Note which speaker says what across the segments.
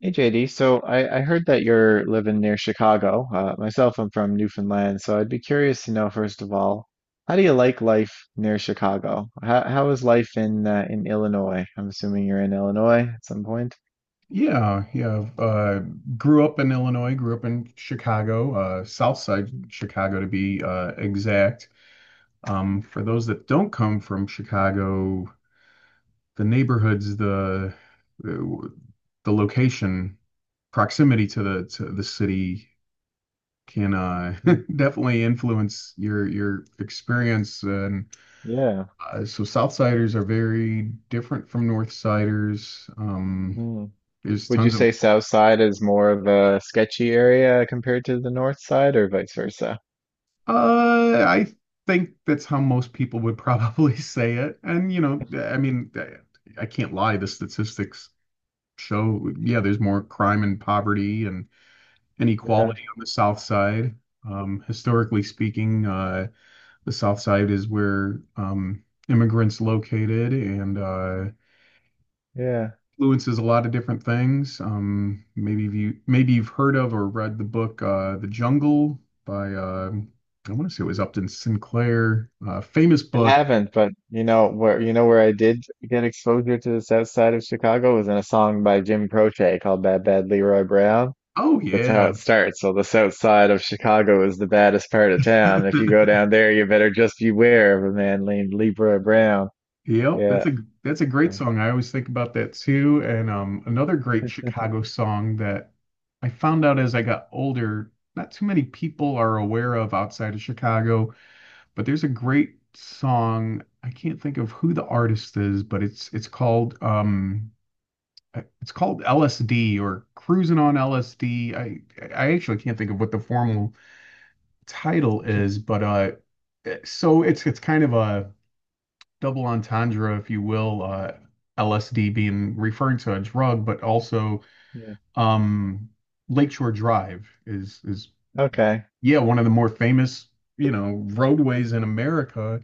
Speaker 1: Hey JD, so I heard that you're living near Chicago. Myself, I'm from Newfoundland, so I'd be curious to know first of all, how do you like life near Chicago? How is life in Illinois? I'm assuming you're in Illinois at some point.
Speaker 2: Yeah, yeah. Grew up in Illinois, grew up in Chicago, South Side
Speaker 1: Mm,
Speaker 2: Chicago to be exact. Um,
Speaker 1: mm,
Speaker 2: for those that don't come from Chicago, the neighborhoods, the location, proximity to the city can
Speaker 1: mm.
Speaker 2: definitely influence your experience. And
Speaker 1: Yeah.
Speaker 2: Southsiders are very different from Northsiders.
Speaker 1: Mm.
Speaker 2: There's
Speaker 1: Would you
Speaker 2: tons of
Speaker 1: say South Side is more of a sketchy area compared to the North Side, or vice versa?
Speaker 2: I think that's how most people would probably say it. And, you know, I mean, I can't lie. The statistics show, yeah, there's more crime and poverty and
Speaker 1: Yeah.
Speaker 2: inequality on the South Side. Historically speaking, the South Side is where immigrants located, and
Speaker 1: Yeah.
Speaker 2: influences a lot of different things. Maybe you've heard of or read the book The Jungle by I want to say it was Upton Sinclair. Famous
Speaker 1: It
Speaker 2: book.
Speaker 1: haven't, but you know where I did get exposure to the South Side of Chicago was in a song by Jim Croce called "Bad Bad Leroy Brown."
Speaker 2: Oh
Speaker 1: That's how
Speaker 2: yeah.
Speaker 1: it starts. So the South Side of Chicago is the baddest part of town. If you go down there, you better just beware of a man named Leroy Brown.
Speaker 2: Yep, that's
Speaker 1: Yeah.
Speaker 2: a that's a great
Speaker 1: So-
Speaker 2: song. I always think about that too. And another great Chicago song that I found out as I got older, not too many people are aware of outside of Chicago, but there's a great song. I can't think of who the artist is, but it's called it's called LSD or cruising on LSD. I actually can't think of what the formal title is, but so it's kind of a double entendre, if you will. LSD being referring to a drug, but also
Speaker 1: Yeah.
Speaker 2: um, Lakeshore Drive is,
Speaker 1: Okay.
Speaker 2: yeah, one of the more famous, you know, roadways in America.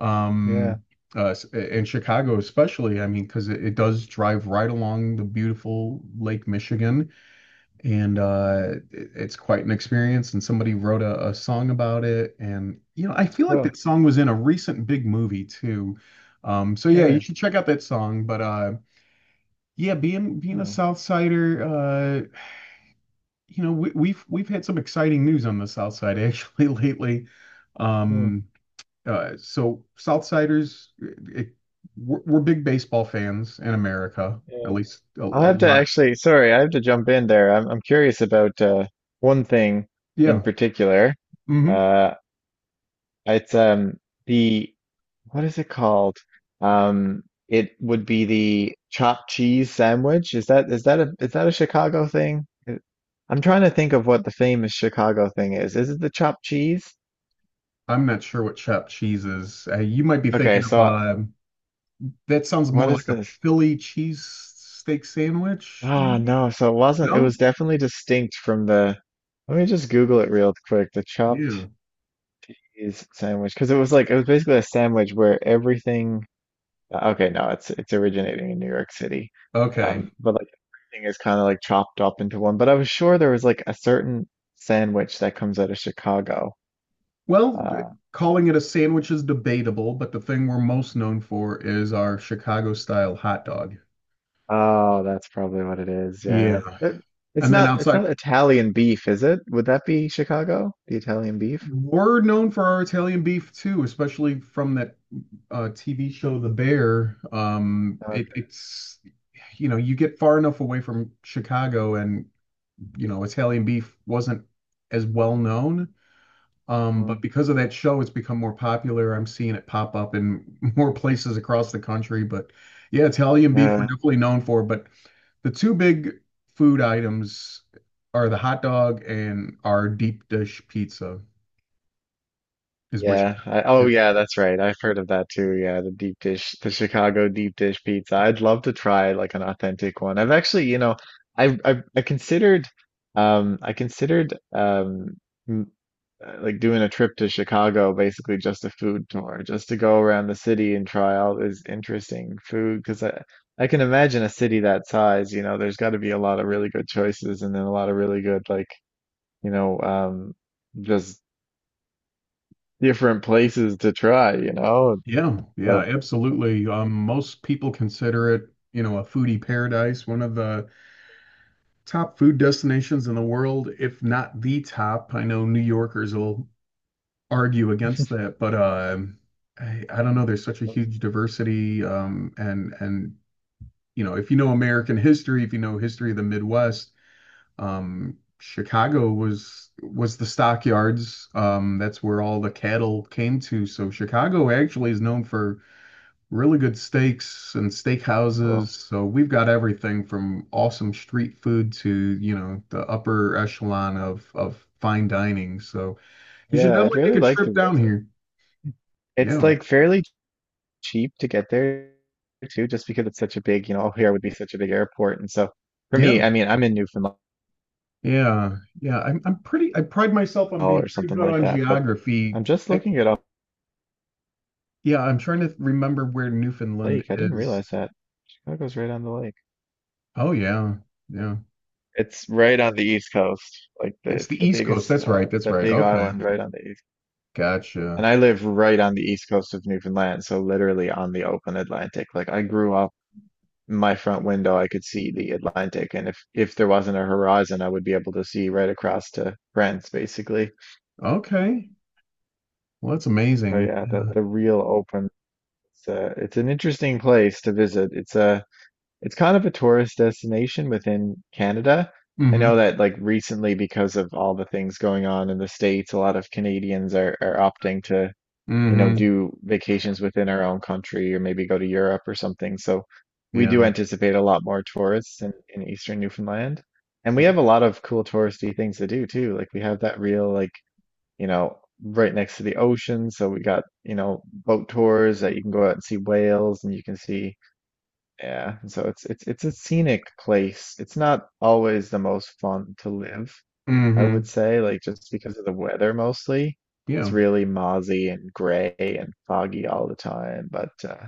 Speaker 2: Um,
Speaker 1: Yeah.
Speaker 2: in Chicago especially, I mean, because it does drive right along the beautiful Lake Michigan. And it's quite an experience, and somebody wrote a song about it, and, you know, I feel like
Speaker 1: Oh,
Speaker 2: that song was in a recent big movie too. So yeah, you
Speaker 1: really?
Speaker 2: should check out that song. But Yeah, being a
Speaker 1: Yeah.
Speaker 2: South Sider, you know, we've had some exciting news on the South Side actually lately.
Speaker 1: Hmm.
Speaker 2: Um uh so Southsiders, it, we're big baseball fans in America, at
Speaker 1: Yeah.
Speaker 2: least a
Speaker 1: I'll have to
Speaker 2: lot.
Speaker 1: actually, sorry, I have to jump in there. I'm curious about one thing in
Speaker 2: Yeah.
Speaker 1: particular.
Speaker 2: Hmm.
Speaker 1: Uh, It's the What is it called? Um, it would be the chopped cheese sandwich. Is that a Chicago thing? I'm trying to think of what the famous Chicago thing is. Is it the chopped cheese?
Speaker 2: I'm not sure what chopped cheese is. You might be
Speaker 1: Okay,
Speaker 2: thinking of
Speaker 1: so
Speaker 2: that sounds more
Speaker 1: what is
Speaker 2: like a
Speaker 1: this?
Speaker 2: Philly cheese steak sandwich,
Speaker 1: Ah,
Speaker 2: maybe?
Speaker 1: no. So it wasn't. It
Speaker 2: No?
Speaker 1: was definitely distinct from the. Let me just Google it real quick. The chopped
Speaker 2: Yeah.
Speaker 1: cheese sandwich, because it was like it was basically a sandwich where everything. Okay, no, it's originating in New York City.
Speaker 2: Okay.
Speaker 1: But like everything is kind of like chopped up into one. But I was sure there was like a certain sandwich that comes out of Chicago.
Speaker 2: Well, d-
Speaker 1: Uh,
Speaker 2: calling it a sandwich is debatable, but the thing we're most known for is our Chicago style hot dog.
Speaker 1: oh, that's probably what it is. Yeah.
Speaker 2: Yeah.
Speaker 1: It, it's
Speaker 2: And then
Speaker 1: not it's
Speaker 2: outside,
Speaker 1: not Italian beef, is it? Would that be Chicago? The Italian beef?
Speaker 2: we're known for our Italian beef too, especially from that TV show The Bear. Um, it,
Speaker 1: Okay.
Speaker 2: it's you know, you get far enough away from Chicago and, you know, Italian beef wasn't as well known. But
Speaker 1: Mm.
Speaker 2: because of that show, it's become more popular. I'm seeing it pop up in more places across the country. But yeah, Italian beef we're
Speaker 1: Yeah.
Speaker 2: definitely known for. But the two big food items are the hot dog and our deep dish pizza, is what
Speaker 1: Yeah. I, oh,
Speaker 2: you're…
Speaker 1: yeah, that's right. I've heard of that too. Yeah, the deep dish, the Chicago deep dish pizza. I'd love to try like an authentic one. I've actually, you know, I I, I considered, I considered, m- like doing a trip to Chicago, basically just a food tour, just to go around the city and try all this interesting food. Because I can imagine a city that size, you know, there's got to be a lot of really good choices, and then a lot of really good like, you know, just different places to try, you know?
Speaker 2: Yeah, yeah,
Speaker 1: So
Speaker 2: absolutely. Most people consider it, you know, a foodie paradise, one of the top food destinations in the world, if not the top. I know New Yorkers will argue against that, but I don't
Speaker 1: mm,
Speaker 2: know. There's such a
Speaker 1: that's
Speaker 2: huge diversity, and you know, if you know American history, if you know history of the Midwest, Chicago was the stockyards. That's where all the cattle came to. So Chicago actually is known for really good steaks and steakhouses.
Speaker 1: cool.
Speaker 2: So we've got everything from awesome street food to, you know, the upper echelon of fine dining. So you should
Speaker 1: Yeah, I'd
Speaker 2: definitely make
Speaker 1: really
Speaker 2: a
Speaker 1: like to
Speaker 2: trip down
Speaker 1: visit.
Speaker 2: here.
Speaker 1: It's
Speaker 2: Yeah.
Speaker 1: like fairly cheap to get there too, just because it's such a big, you know, here would be such a big airport. And so for
Speaker 2: Yeah,
Speaker 1: me, I mean, I'm in Newfoundland
Speaker 2: yeah, yeah. I'm pretty, I pride myself on being
Speaker 1: or
Speaker 2: pretty
Speaker 1: something
Speaker 2: good
Speaker 1: like
Speaker 2: on
Speaker 1: that, but I'm
Speaker 2: geography.
Speaker 1: just
Speaker 2: I
Speaker 1: looking at a
Speaker 2: Yeah, I'm trying to remember where Newfoundland
Speaker 1: lake. I didn't
Speaker 2: is.
Speaker 1: realize that. Chicago's right on the lake.
Speaker 2: Oh yeah, yeah.
Speaker 1: It's right on the East Coast. Like the,
Speaker 2: It's
Speaker 1: it's
Speaker 2: the
Speaker 1: the
Speaker 2: East Coast.
Speaker 1: biggest,
Speaker 2: That's right. That's
Speaker 1: the
Speaker 2: right.
Speaker 1: big
Speaker 2: Okay.
Speaker 1: island right on the East. And
Speaker 2: Gotcha.
Speaker 1: I live right on the East Coast of Newfoundland, so literally on the open Atlantic. Like I grew up my front window, I could see the Atlantic, and if there wasn't a horizon, I would be able to see right across to France, basically.
Speaker 2: Okay. Well, that's
Speaker 1: So
Speaker 2: amazing.
Speaker 1: yeah,
Speaker 2: Yeah.
Speaker 1: the real open. It's an interesting place to visit. It's kind of a tourist destination within Canada. I
Speaker 2: Mm-hmm.
Speaker 1: know that like recently, because of all the things going on in the States, a lot of Canadians are opting to you know,
Speaker 2: Mm-hmm.
Speaker 1: do vacations within our own country or maybe go to Europe or something. So we do
Speaker 2: Yeah.
Speaker 1: anticipate a lot more tourists in Eastern Newfoundland. And we have a lot of cool touristy things to do too. Like we have that real, like, you know, right next to the ocean. So we got, you know, boat tours that you can go out and see whales and you can see, yeah. And so it's a scenic place. It's not always the most fun to live, I would
Speaker 2: Mm-hmm.
Speaker 1: say, like just because of the weather mostly. It's
Speaker 2: Yeah.
Speaker 1: really mozzy and gray and foggy all the time. But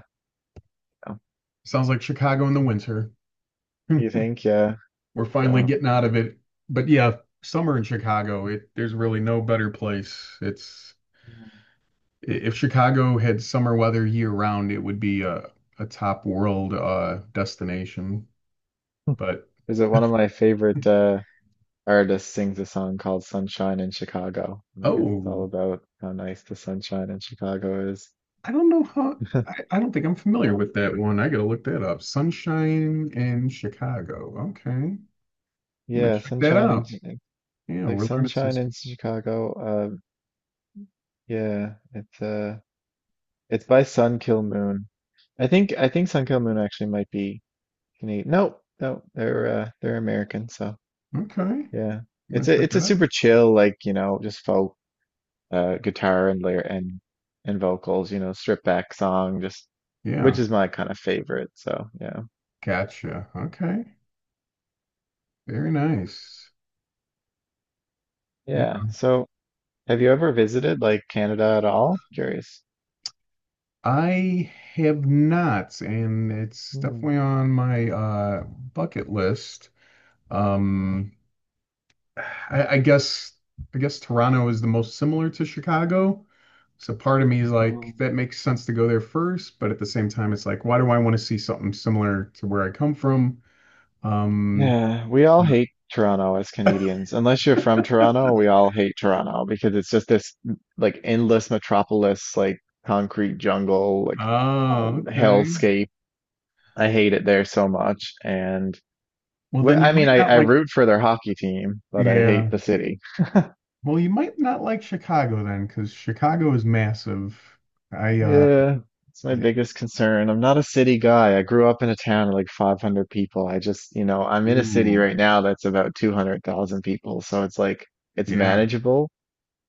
Speaker 1: you
Speaker 2: Sounds like Chicago in the winter. We're
Speaker 1: you think, yeah.
Speaker 2: finally
Speaker 1: So,
Speaker 2: getting out of it. But yeah, summer in Chicago, it there's really no better place. It's if Chicago had summer weather year round, it would be a top world destination. But
Speaker 1: is it one of my favorite artists sings a song called "Sunshine in Chicago," and I guess it's
Speaker 2: Oh,
Speaker 1: all about how nice the sunshine in Chicago is.
Speaker 2: I don't know how. I don't think I'm familiar with that one. I gotta look that up. Sunshine and Chicago. Okay, I'm gonna
Speaker 1: Yeah,
Speaker 2: check that out. Yeah,
Speaker 1: Like
Speaker 2: we're learning some.
Speaker 1: sunshine
Speaker 2: S-
Speaker 1: in Chicago. Uh, yeah, it's by Sun Kill Moon. I think Sun Kill Moon actually might be Canadian. Nope, nope. They're American. So
Speaker 2: Okay, I'm
Speaker 1: yeah,
Speaker 2: gonna
Speaker 1: it's a
Speaker 2: check
Speaker 1: it's a
Speaker 2: that out.
Speaker 1: super chill, like you know, just folk guitar and layer and vocals. You know, stripped back song, just which
Speaker 2: Yeah,
Speaker 1: is my kind of favorite. So yeah,
Speaker 2: gotcha. Okay, very nice. Yeah,
Speaker 1: yeah. So have you ever visited like Canada at all? Curious.
Speaker 2: I have not, and it's definitely on my bucket list. Um, I I guess I guess Toronto is the most similar to Chicago. So part of me is
Speaker 1: Hmm.
Speaker 2: like, that makes sense to go there first, but at the same time, it's like, why do I want to see something similar to where I come from? Um,
Speaker 1: Yeah, we all hate Toronto as Canadians. Unless you're from Toronto, we all hate Toronto because it's just like endless metropolis, like concrete jungle, like
Speaker 2: oh, okay.
Speaker 1: hellscape. I hate it there so much. And
Speaker 2: Well, then you
Speaker 1: I
Speaker 2: might
Speaker 1: mean,
Speaker 2: not
Speaker 1: I
Speaker 2: like,
Speaker 1: root for their hockey team, but I hate
Speaker 2: yeah.
Speaker 1: the city.
Speaker 2: Well, you might not like Chicago then, because Chicago is massive. I, uh,
Speaker 1: Yeah, it's my
Speaker 2: y-
Speaker 1: biggest concern. I'm not a city guy. I grew up in a town of like 500 people. I just, you know, I'm in a city
Speaker 2: Ooh,
Speaker 1: right now that's about 200,000 people. So it's like, it's
Speaker 2: yeah.
Speaker 1: manageable.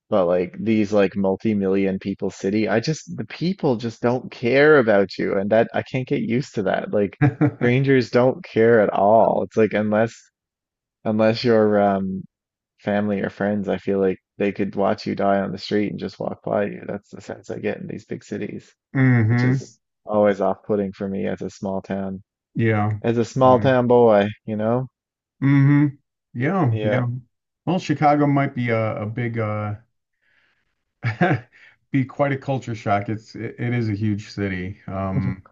Speaker 1: But like these like multi-million people city, I just the people just don't care about you and that I can't get used to that. Like strangers don't care at all. It's like unless Unless you're family or friends, I feel like they could watch you die on the street and just walk by you. That's the sense I get in these big cities, which
Speaker 2: Mm-hmm.
Speaker 1: is always off-putting for me
Speaker 2: Yeah.
Speaker 1: as a small town boy, you know?
Speaker 2: Mm-hmm. Yeah.
Speaker 1: Yeah.
Speaker 2: Yeah. Well, Chicago might be a big be quite a culture shock. It is a huge city.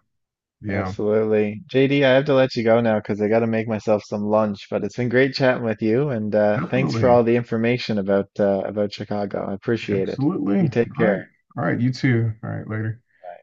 Speaker 2: Yeah,
Speaker 1: Absolutely. JD, I have to let you go now because I got to make myself some lunch, but it's been great chatting with you and thanks for
Speaker 2: definitely.
Speaker 1: all the information about Chicago. I appreciate it.
Speaker 2: Absolutely.
Speaker 1: You take
Speaker 2: All
Speaker 1: care.
Speaker 2: right. All right, you too. All right, later.